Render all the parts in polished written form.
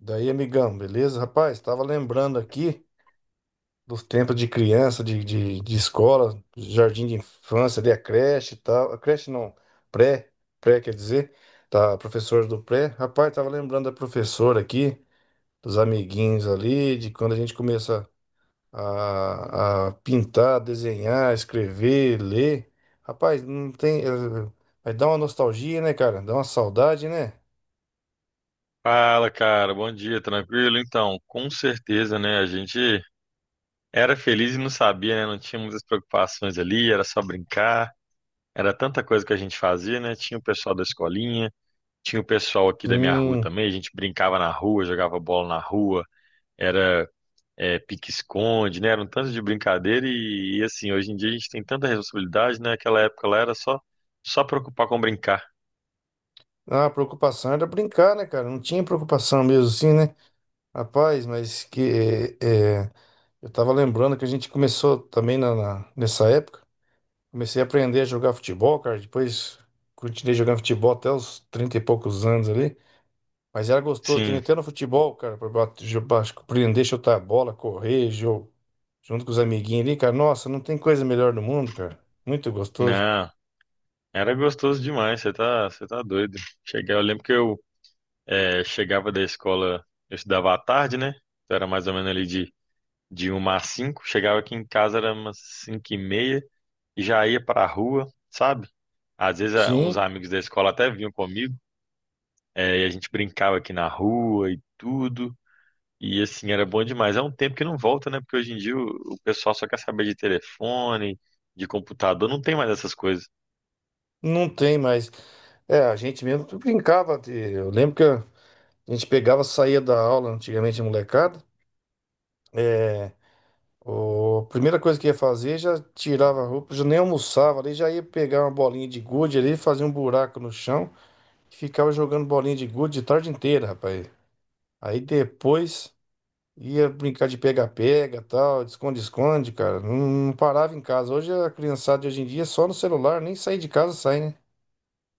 Daí, amigão, beleza? Rapaz, tava lembrando aqui dos tempos de criança, de escola, jardim de infância, ali a creche e tal. A creche não, pré, pré quer dizer, tá, a professora do pré. Rapaz, tava lembrando da professora aqui, dos amiguinhos ali, de quando a gente começa a pintar, desenhar, escrever, ler. Rapaz, não tem. Vai dar uma nostalgia, né, cara? Dá uma saudade, né? Fala, cara, bom dia, tranquilo? Então, com certeza, né? A gente era feliz e não sabia, né? Não tinha muitas preocupações ali, era só brincar, era tanta coisa que a gente fazia, né? Tinha o pessoal da escolinha, tinha o pessoal aqui da minha rua Sim. também, a gente brincava na rua, jogava bola na rua, era pique-esconde, né? Era um tanto de brincadeira e assim, hoje em dia a gente tem tanta responsabilidade, né? Aquela época lá era só, só preocupar com brincar. Ah, a preocupação era brincar, né, cara? Não tinha preocupação mesmo assim, né? Rapaz, mas que é, é, eu tava lembrando que a gente começou também nessa época. Comecei a aprender a jogar futebol, cara. Depois continuei jogando futebol até os 30 e poucos anos ali. Mas era gostoso também, Sim, até no futebol, cara, pra bater, aprender a chutar a bola, correr, jogo, junto com os amiguinhos ali, cara. Nossa, não tem coisa melhor no mundo, cara. Muito gostoso. não, era gostoso demais, você tá doido. Cheguei, eu lembro que eu É, chegava da escola, eu estudava à tarde, né? Então era mais ou menos ali de uma às cinco. Chegava aqui em casa, era umas cinco e meia, e já ia pra rua, sabe? Às vezes ah, uns Sim, amigos da escola até vinham comigo, é, e a gente brincava aqui na rua e tudo. E assim, era bom demais. É um tempo que não volta, né? Porque hoje em dia o pessoal só quer saber de telefone, de computador, não tem mais essas coisas. não tem mais. É, a gente mesmo brincava. Eu lembro que. A gente pegava, saía da aula, antigamente molecada. É, a primeira coisa que ia fazer, já tirava a roupa, já nem almoçava ali, já ia pegar uma bolinha de gude ali, fazia um buraco no chão e ficava jogando bolinha de gude a tarde inteira, rapaz. Aí depois ia brincar de pega-pega, tal, de esconde-esconde, cara. Não, não parava em casa. Hoje a criançada de hoje em dia é só no celular, nem sair de casa sai, né?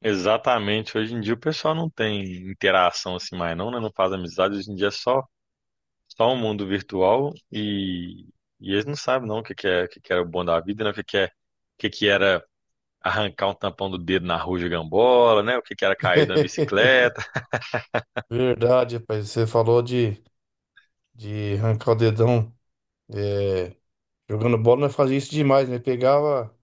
Exatamente, hoje em dia o pessoal não tem interação assim mais, não, né? Não faz amizade, hoje em dia é só um mundo virtual e eles não sabem não o que que é, o que que era o bom da vida, né? O que que é, o que que era arrancar um tampão do dedo na rua de gambola, né? O que que era cair da bicicleta. Verdade, rapaz. Você falou de arrancar o dedão. é, Jogando bola, nós fazia isso demais, né?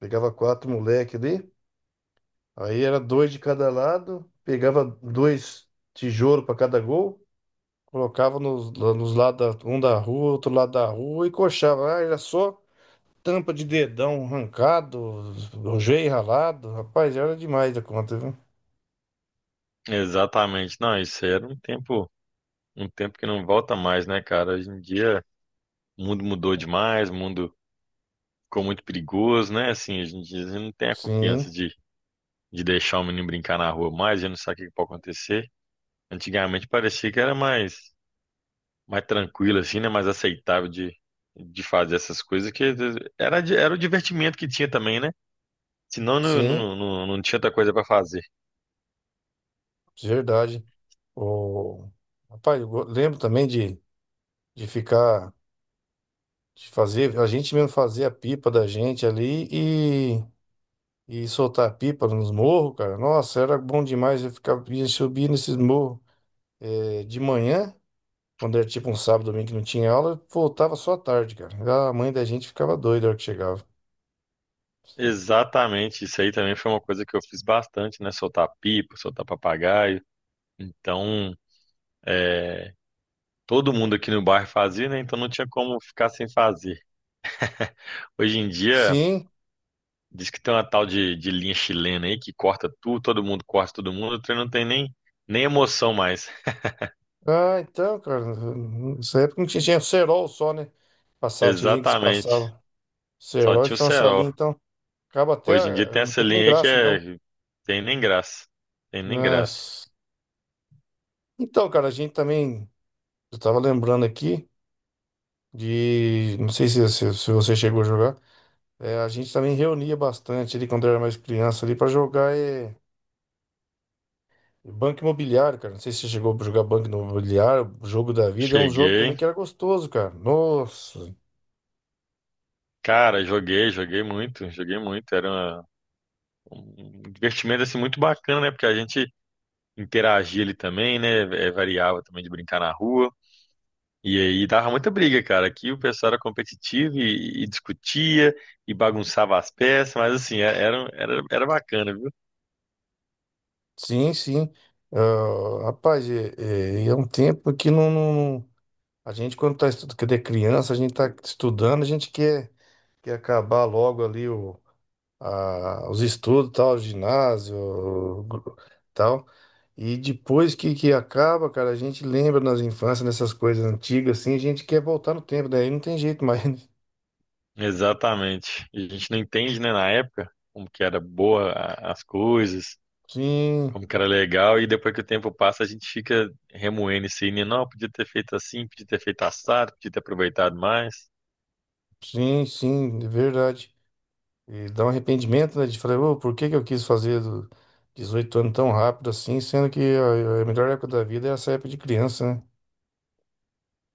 Pegava quatro moleque ali, aí era dois de cada lado, pegava dois tijolos para cada gol, colocava nos, lá nos lados, um da rua, outro lado da rua e coxava. Ah, era só tampa de dedão arrancado, joelho ralado. Rapaz, era demais da conta, viu? Exatamente. Não, isso era um tempo que não volta mais, né, cara? Hoje em dia o mundo mudou demais, o mundo ficou muito perigoso, né? Assim, a gente não tem a Sim, confiança de deixar o menino brincar na rua mais, a gente não sabe o que que pode acontecer. Antigamente parecia que era mais mais tranquila, assim, né? Mais aceitável de fazer essas coisas, que era o divertimento que tinha também, né? Senão não, sim, não, não, não tinha outra coisa para fazer. de verdade. O... Rapaz, lembro também de de fazer, a gente mesmo fazia a pipa da gente ali e soltar pipa nos morros, cara. Nossa, era bom demais. Eu ficava, ia subir nesses morros de manhã, quando era tipo um sábado, domingo que não tinha aula, voltava só à tarde, cara. A mãe da gente ficava doida na hora que chegava. Exatamente, isso aí também foi uma coisa que eu fiz bastante, né? Soltar pipa, soltar papagaio. Então, é, todo mundo aqui no bairro fazia, né? Então não tinha como ficar sem fazer. Hoje em dia, Sim. diz que tem uma tal de linha chilena aí que corta tudo, todo mundo corta todo mundo, o trem não tem nem, nem emoção mais. Ah, então, cara, nessa época não tinha, tinha cerol só, né? Passava, tinha gente que se Exatamente, passava. só Cerol, tinha o então essa linha, cerol. então, acaba até, Hoje em dia tem não essa tem nem linha aí que graça, então. é. Tem nem graça. Tem nem graça. Mas... Então, cara, a gente também, eu tava lembrando aqui de, não sei se você chegou a jogar, é, a gente também reunia bastante ali quando era mais criança ali para jogar Banco Imobiliário, cara. Não sei se você chegou a jogar Banco Imobiliário, Jogo da Vida. É um jogo Cheguei. também que era gostoso, cara. Nossa, Cara, joguei muito, joguei muito. Um divertimento assim muito bacana, né? Porque a gente interagia ali também, né? É, variava também de brincar na rua. E aí dava muita briga, cara. Aqui o pessoal era competitivo e discutia e bagunçava as peças, mas assim, era, era bacana, viu? sim, sim. Ah, rapaz, é um tempo que não, a gente, quando tá estudando, quando é criança, a gente tá estudando, a gente quer, quer acabar logo ali os estudos, tal, ginásio, tal. E depois que acaba, cara, a gente lembra nas infâncias, nessas coisas antigas, assim, a gente quer voltar no tempo, daí não tem jeito mais. Né? Exatamente. E a gente não entende, né, na época, como que era boa as coisas, Sim, como que era legal, e depois que o tempo passa, a gente fica remoendo isso aí, né? Não, podia ter feito assim, podia ter feito assado, podia ter aproveitado mais. sim, sim, é verdade. E dá um arrependimento, né, de falar, "Ô, por que que eu quis fazer do 18 anos tão rápido assim, sendo que a melhor época da vida é essa época de criança, né?"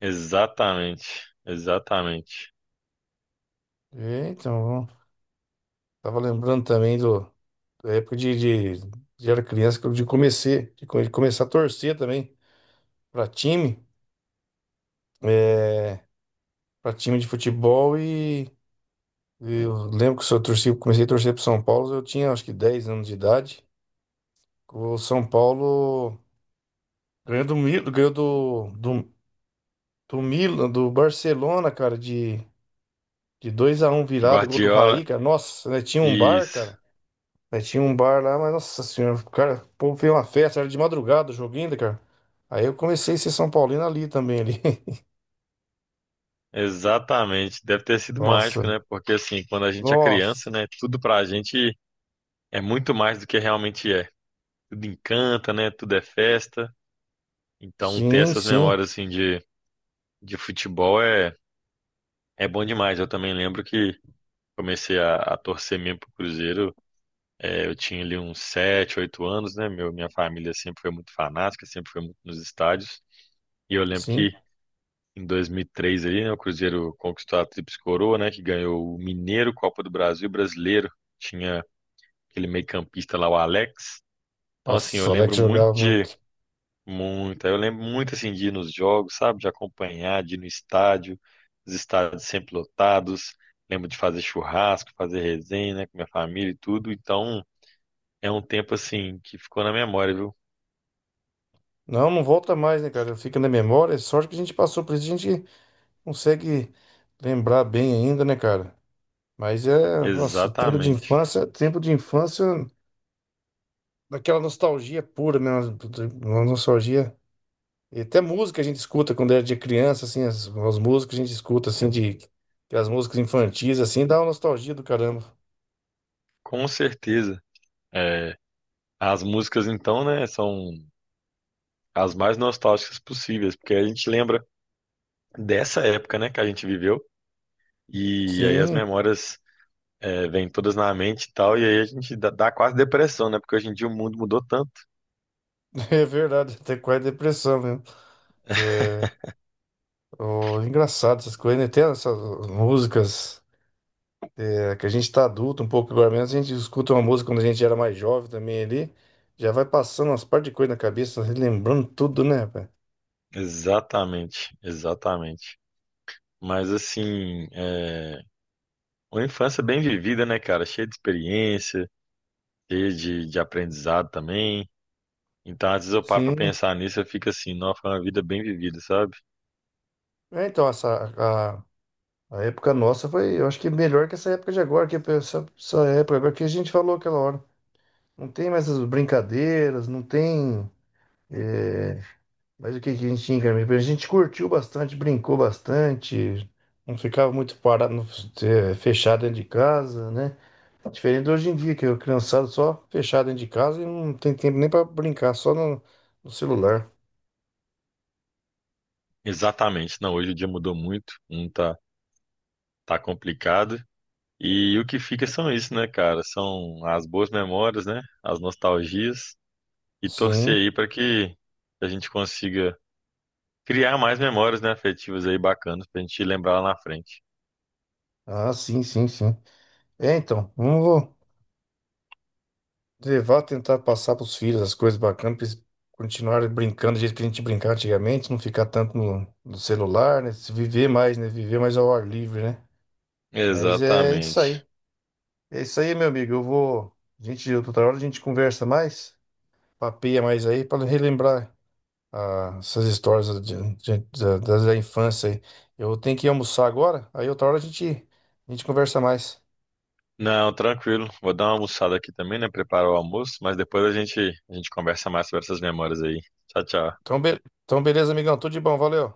Exatamente, exatamente. E, então, tava lembrando também do da época de era criança, que eu- de comecei, de começar a torcer também para time, é, para time de futebol e eu lembro que se eu torci, comecei a torcer para São Paulo, eu tinha acho que 10 anos de idade. O São Paulo ganhou do Milan, do Barcelona, cara, de 2-1 virado, gol do Guardiola, Raí, cara. Nossa, né, tinha um bar, isso, cara. Aí tinha um bar lá, mas nossa senhora, cara, o povo fez uma festa, era de madrugada o jogo ainda, cara. Aí eu comecei a ser São Paulino ali também, ali. exatamente. Deve ter sido Nossa, mágico, né? Porque assim, quando a gente é criança, nossa. né, tudo pra gente é muito mais do que realmente é. Tudo encanta, né? Tudo é festa. Então, ter Sim, essas sim, memórias assim de futebol é, é bom demais. Eu também lembro que comecei a torcer mesmo pro Cruzeiro. É, eu tinha ali uns sete, oito anos, né? Minha família sempre foi muito fanática, sempre foi muito nos estádios. E eu lembro sim. que em 2003 ali, né, o Cruzeiro conquistou a Tríplice Coroa, né? Que ganhou o Mineiro, Copa do Brasil, Brasileiro. Tinha aquele meio-campista lá, o Alex. Então, assim, eu Nossa, o Alex lembro muito jogava de... muito. Muito. Eu lembro muito, assim, de ir nos jogos, sabe? De acompanhar, de ir no estádio. Os estádios sempre lotados. Lembro de fazer churrasco, fazer resenha, né? Com minha família e tudo. Então... É um tempo assim que ficou na memória, viu? Não, não volta mais, né, cara? Fica na memória. É sorte que a gente passou por isso, a gente consegue lembrar bem ainda, né, cara? Mas é, nossa, o Exatamente. Tempo de infância, daquela nostalgia pura, né? Uma nostalgia. E até música a gente escuta quando era de criança, assim, as músicas a gente escuta, assim, de as músicas infantis, assim, dá uma nostalgia do caramba. Com certeza. É, as músicas então, né, são as mais nostálgicas possíveis, porque a gente lembra dessa época, né, que a gente viveu, e aí as Sim, memórias é, vêm todas na mente e tal, e aí a gente dá quase depressão, né, porque hoje em dia o mundo mudou tanto. é verdade, até quase depressão mesmo. É, ó, engraçado essas coisas, né? Tem essas músicas que a gente tá adulto um pouco agora mesmo, a gente escuta uma música quando a gente era mais jovem também ali, já vai passando umas par de coisa na cabeça, relembrando tudo, né, velho? Exatamente, exatamente. Mas assim, é, uma infância bem vivida, né, cara, cheia de experiência, cheia de aprendizado também. Então, às vezes eu paro pra Sim, pensar nisso, eu fico assim, nossa, foi uma vida bem vivida, sabe? é, então essa, a época nossa foi, eu acho que melhor que essa época de agora, que essa época agora que a gente falou aquela hora. Não tem mais as brincadeiras, não tem é, mais o que que a gente tinha, cara? A gente curtiu bastante, brincou bastante, não ficava muito parado, é, fechado dentro de casa, né? Diferente de hoje em dia, que o criançado só fechado dentro de casa e não tem tempo nem para brincar, só no celular. Exatamente. Não, hoje o dia mudou muito, não tá, tá complicado. E o que fica são isso, né, cara? São as boas memórias, né? As nostalgias. E torcer Sim, aí pra que a gente consiga criar mais memórias, né, afetivas aí bacanas pra gente lembrar lá na frente. ah, sim, sim, sim. É, então, vamos tentar passar pros filhos as coisas bacanas, pra eles continuarem brincando do jeito que a gente brincava antigamente, não ficar tanto no celular, né? Se viver mais, né? Viver mais ao ar livre, né? Mas é isso Exatamente. aí. É isso aí, meu amigo. Eu vou. Outra hora a gente conversa mais, papeia mais aí, para relembrar essas histórias da infância aí. Eu tenho que almoçar agora, aí outra hora a gente conversa mais. Não, tranquilo. Vou dar uma almoçada aqui também, né? Preparar o almoço, mas depois a gente conversa mais sobre essas memórias aí. Tchau, tchau. Então, beleza, amigão. Tudo de bom, valeu.